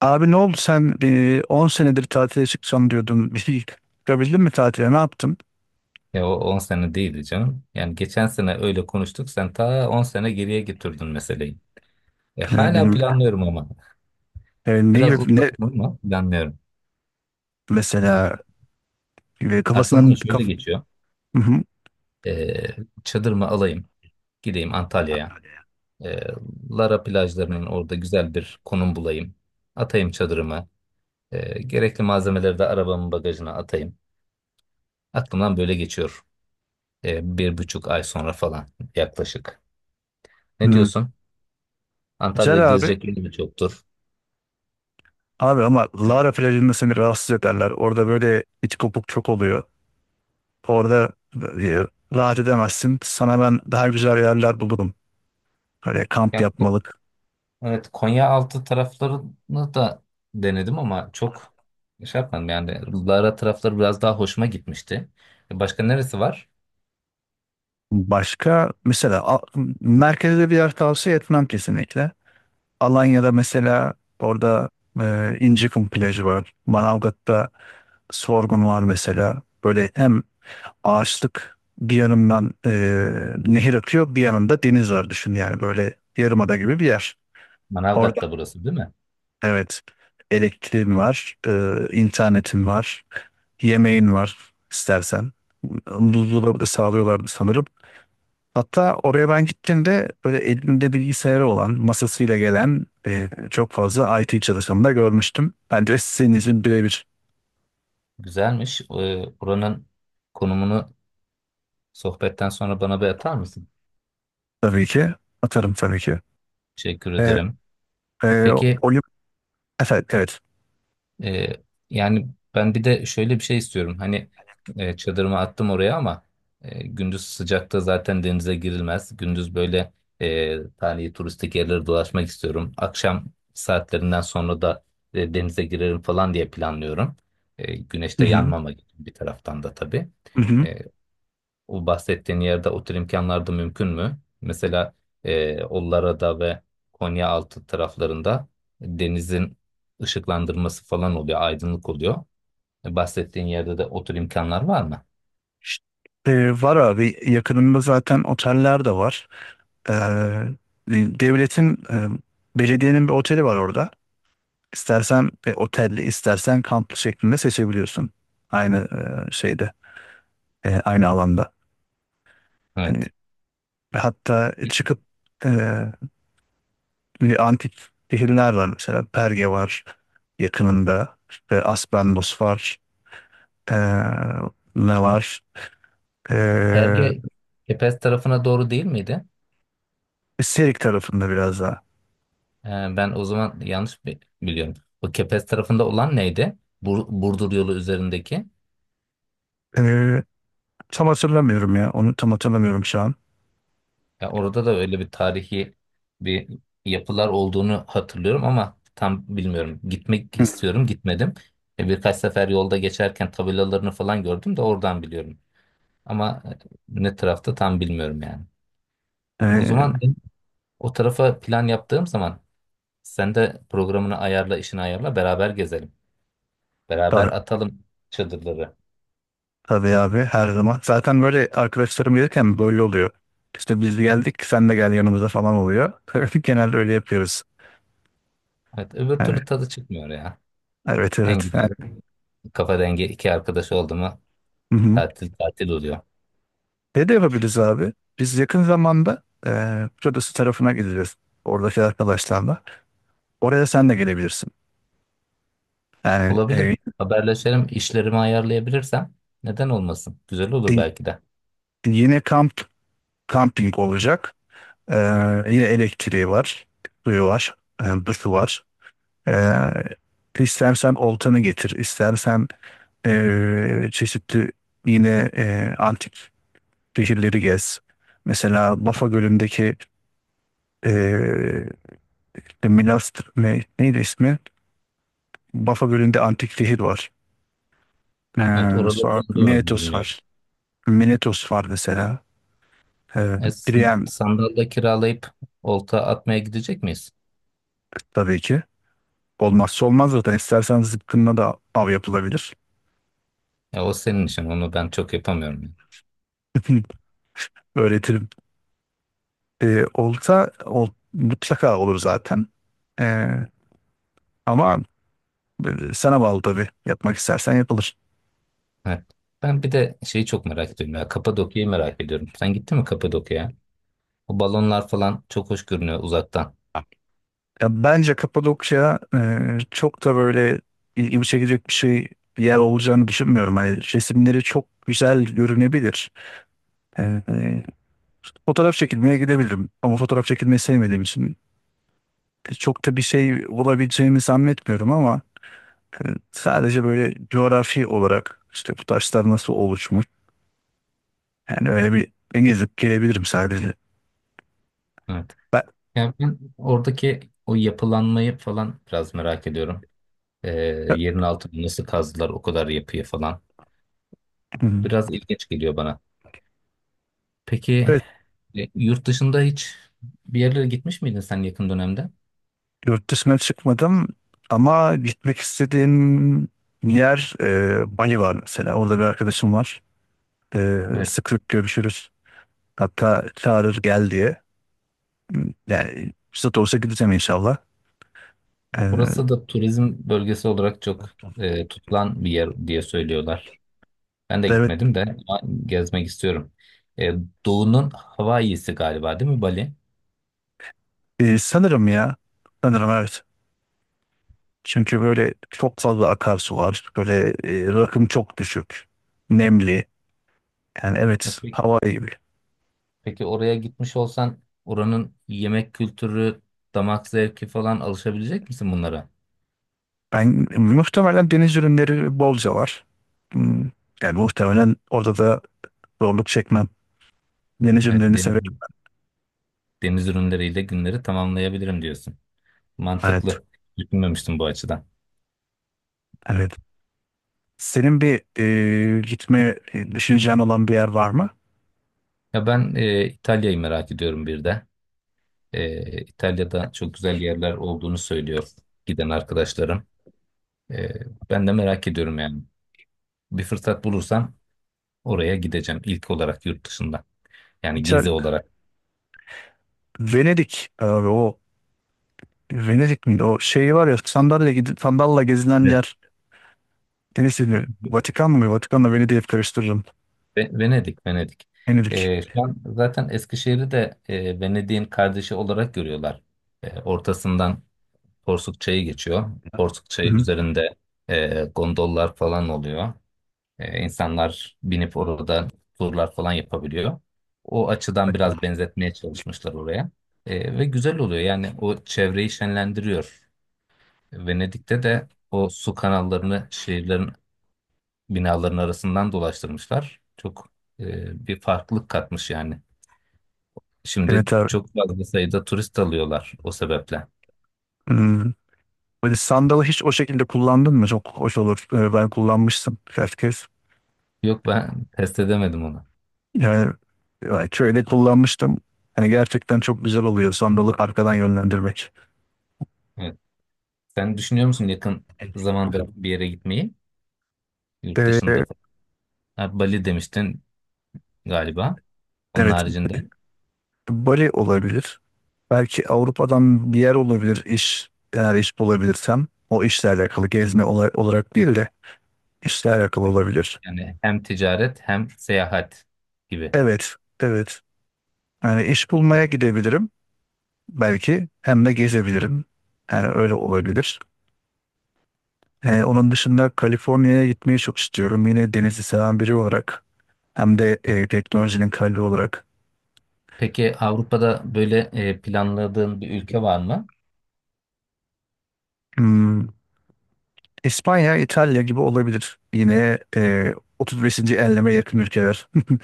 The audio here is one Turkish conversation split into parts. Abi ne oldu sen 10 senedir tatile çıkacağım diyordun. Bir şey çıkabildin mi tatile? Ne yaptın? Ya o 10 sene değildi canım. Yani geçen sene öyle konuştuk. Sen ta 10 sene geriye götürdün meseleyi. Hala Benim, planlıyorum ama. e, ne, Biraz ne uzattım ama planlıyorum. mesela e, Aklımdan kafasından şöyle kaf geçiyor. Hı hı. E, Çadırımı alayım. Gideyim Antalya'ya. E, Lara plajlarının orada güzel bir konum bulayım. Atayım çadırımı. Gerekli malzemeleri de arabamın bagajına atayım. Aklımdan böyle geçiyor. 1,5 ay sonra falan yaklaşık. Ne Hı. diyorsun? Güzel Antalya'da abi. gezecek yerimiz çoktur. Abi ama Lara plajında seni rahatsız ederler. Orada böyle iç kopuk çok oluyor. Orada e, rahat edemezsin. Sana ben daha güzel yerler bulurum. Böyle kamp Yani, yapmalık. evet, Konyaaltı taraflarını da denedim ama çok şey yapmadım. Yani Lara tarafları biraz daha hoşuma gitmişti. Başka neresi var? Başka mesela a- merkezde bir yer tavsiye etmem kesinlikle. Alanya'da mesela orada İncikum plajı var. Manavgat'ta Sorgun var mesela. Böyle hem ağaçlık bir yanından, nehir akıyor bir yanında deniz var, düşün yani böyle yarımada gibi bir yer. Orada Manavgat'ta burası değil mi? evet, elektriğin var, internetin var, yemeğin var istersen. Buzdolabı da sağlıyorlardı sanırım. Hatta oraya ben gittiğimde böyle elinde bilgisayarı olan, masasıyla gelen, çok fazla IT çalışanı da görmüştüm. Ben de sizin için birebir Güzelmiş. Buranın konumunu sohbetten sonra bana bir atar mısın? tabii ki, atarım tabii ki. Teşekkür E, ederim. e, Peki. Olim, evet, evet. Ee, Yani ben bir de şöyle bir şey istiyorum. Hani, çadırımı attım oraya, ama gündüz sıcakta zaten denize girilmez. Gündüz böyle tarihi turistik yerleri dolaşmak istiyorum. Akşam saatlerinden sonra da denize girerim falan diye planlıyorum. Hı Güneşte hı, yanmamak için bir taraftan da tabii. hı hı. E, O bahsettiğin yerde o tür imkanlar da mümkün mü? Mesela Ollara'da ve Konyaaltı taraflarında denizin ışıklandırması falan oluyor, aydınlık oluyor. Bahsettiğin yerde de o tür imkanlar var mı? İşte, var abi, yakınımda zaten oteller de var. E, devletin, belediyenin bir oteli var orada. İstersen otelli, istersen kamplı şeklinde seçebiliyorsun. Aynı e, şeyde, aynı alanda. Evet. E, Ve hatta çıkıp, eee, bir antik şehirler var mesela. Perge var yakınında. İşte Aspendos var. Eee, ne var? Eee Perge Kepez tarafına doğru değil miydi? Serik tarafında biraz daha. E, Ben o zaman yanlış biliyorum. O Kepez tarafında olan neydi? Burdur yolu üzerindeki. Eee, tam hatırlamıyorum ya. Onu tam hatırlamıyorum şu an. Ya orada da öyle bir tarihi bir yapılar olduğunu hatırlıyorum ama tam bilmiyorum. Gitmek istiyorum, gitmedim. Birkaç sefer yolda geçerken tabelalarını falan gördüm de oradan biliyorum. Ama ne tarafta tam bilmiyorum yani. O zaman Ee, o tarafa plan yaptığım zaman sen de programını ayarla, işini ayarla, beraber gezelim. Beraber tabii, atalım çadırları. tabii abi, her zaman. Zaten böyle arkadaşlarım gelirken böyle oluyor. İşte biz geldik sen de gel yanımıza falan oluyor. Genelde öyle yapıyoruz. Evet, öbür Yani türlü tadı çıkmıyor ya. evet En evet. Yani, güzeli, kafa dengi iki arkadaş oldu mu hı hı. tatil tatil oluyor. Ne de yapabiliriz abi? Biz yakın zamanda Kıbrıs tarafına gideceğiz. Oradaki arkadaşlarla. Oraya sen de gelebilirsin. Yani Olabilir. Haberleşelim, işlerimi ayarlayabilirsem neden olmasın? Güzel olur y- belki de. yine kamping olacak. E, yine elektriği var. Suyu var. Duşu var. E, istersen oltanı getir, istersen çeşitli, yine antik şehirleri gez. Mesela Bafa Gölü'ndeki Milas, neydi ismi? Bafa Gölü'nde antik şehir var. Evet, Ee, oraları sonra ben duymadım, Minetos var. bilmiyorum. Minetos var mesela. E, s- Priam Sandal da kiralayıp olta atmaya gidecek miyiz? tabii ki. Olmazsa olmaz zaten. İstersen zıpkınla da av yapılabilir. Ya o senin işin, onu ben çok yapamıyorum yani. Öğretirim. Mutlaka olur zaten. Ee, ama sana bağlı tabii. Yapmak istersen yapılır. Evet. Ben bir de şeyi çok merak ediyorum ya, Kapadokya'yı merak ediyorum. Sen gittin mi Kapadokya'ya? O balonlar falan çok hoş görünüyor uzaktan. Ya bence Kapadokya çok da böyle ilgimi çekecek bir yer olacağını düşünmüyorum. Hani resimleri çok güzel görünebilir. E, e, fotoğraf çekilmeye gidebilirim ama fotoğraf çekilmeyi sevmediğim için çok da bir şey olabileceğini zannetmiyorum ama e, sadece böyle coğrafi olarak, işte bu taşlar nasıl oluşmuş, yani öyle bir gezip gelebilirim sadece. Evet. Ben, Yani ben oradaki o yapılanmayı falan biraz merak ediyorum. Ee, Yerin altını nasıl kazdılar o kadar yapıyı falan. Biraz ilginç geliyor bana. Peki, evet. Yurt dışında hiç bir yerlere gitmiş miydin sen yakın dönemde? Yurt dışına çıkmadım ama gitmek istediğim yer, Bali var mesela. Orada bir arkadaşım var. Evet. Sık sık görüşürüz. Hatta çağırır gel diye. Yani fırsat olsa gideceğim inşallah. Ya burası E, da turizm bölgesi olarak çok tutulan bir yer diye söylüyorlar. Ben de evet, gitmedim de ama gezmek istiyorum. E, Doğu'nun Hawaii'si galiba değil mi Bali? Sanırım ya. Sanırım evet. Çünkü böyle çok fazla akarsu var. Böyle, rakım çok düşük. Nemli. Yani E, evet, pe- hava iyi. peki oraya gitmiş olsan oranın yemek kültürü, damak zevki falan alışabilecek misin bunlara? Ben muhtemelen, deniz ürünleri bolca var. Hmm, yani muhtemelen orada da zorluk çekmem. Deniz Evet, ürünlerini deniz, severim. deniz ürünleriyle günleri tamamlayabilirim diyorsun. Evet. Mantıklı. Düşünmemiştim bu açıdan. Evet. Senin bir, düşüneceğin olan bir yer var mı? Ya ben İtalya'yı merak ediyorum bir de. İtalya'da çok güzel yerler olduğunu söylüyor giden arkadaşlarım. E, Ben de merak ediyorum yani. Bir fırsat bulursam oraya gideceğim ilk olarak yurt dışında. Yani İşte gezi olarak. Venedik abi, o Venedik miydi? O şey var ya, sandalye gidip sandalla gezilen Ve- yer. Deniz ürünü. Vatikan mı? Vatikan'la Venedik'i hep karıştırırım. Venedik, Venedik. Venedik. Şu an zaten Eskişehir'i de Venedik'in kardeşi olarak görüyorlar. Ortasından Porsuk Çayı geçiyor. Porsuk Hı Çayı hı. üzerinde gondollar falan oluyor. İnsanlar binip orada turlar falan yapabiliyor. O açıdan biraz benzetmeye çalışmışlar oraya. Ve güzel oluyor. Yani o çevreyi şenlendiriyor. Venedik'te de o su kanallarını şehirlerin binaların arasından dolaştırmışlar. Çok bir farklılık katmış yani. Şimdi Evet abi. çok fazla sayıda turist alıyorlar o sebeple. Hmm, böyle sandalı hiç o şekilde kullandın mı? Çok hoş olur. Ben kullanmıştım birkaç kez. Yok, ben test edemedim onu. Yani, yani köyde kullanmıştım. Hani gerçekten çok güzel oluyor sandalı arkadan yönlendirmek. Evet. Sen düşünüyor musun yakın zamanda bir yere gitmeyi? Yurt De, dışında. falan? Ha, Bali demiştin galiba. Onun evet, haricinde Bali olabilir. Belki Avrupa'dan bir yer olabilir, iş. Eğer iş bulabilirsem, o işle alakalı olarak değil de işle alakalı olabilir. yani hem ticaret hem seyahat gibi. Evet, evet. Yani iş bulmaya gidebilirim belki, hem de gezebilirim. Yani öyle olabilir. Onun dışında Kaliforniya'ya gitmeyi çok istiyorum. Yine denizi seven biri olarak, hem de teknolojinin kalbi olarak. Peki, Avrupa'da böyle planladığın bir ülke var mı? Hmm, İspanya, İtalya gibi olabilir. Yine 35. enleme yakın ülkeler.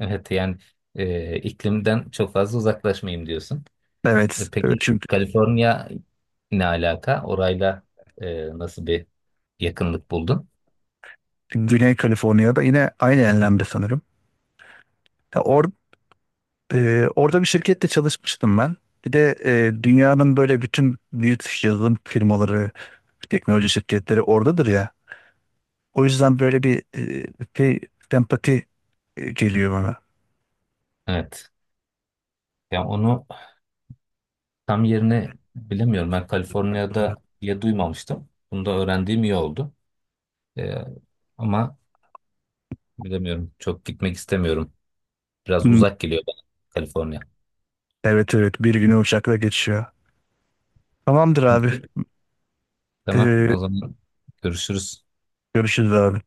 Evet, yani iklimden çok fazla uzaklaşmayayım diyorsun. Evet, evet. Peki Çünkü Kaliforniya ne alaka? Orayla nasıl bir yakınlık buldun? Güney Kaliforniya'da yine aynı enlemde sanırım. Ya or, orada bir şirkette çalışmıştım ben. Bir de dünyanın böyle bütün büyük yazılım firmaları, teknoloji şirketleri oradadır ya. O yüzden böyle bir, şey, empati geliyor bana. Evet. Yani onu tam yerini bilemiyorum. Ben Kaliforniya'da diye duymamıştım. Bunu da öğrendiğim iyi oldu. E, Ama bilemiyorum. Çok gitmek istemiyorum. Biraz Hmm, uzak geliyor bana Kaliforniya. evet evet, bir günü uçakla geçiyor. Tamamdır abi. Tamam Ee, o zaman görüşürüz. görüşürüz abi.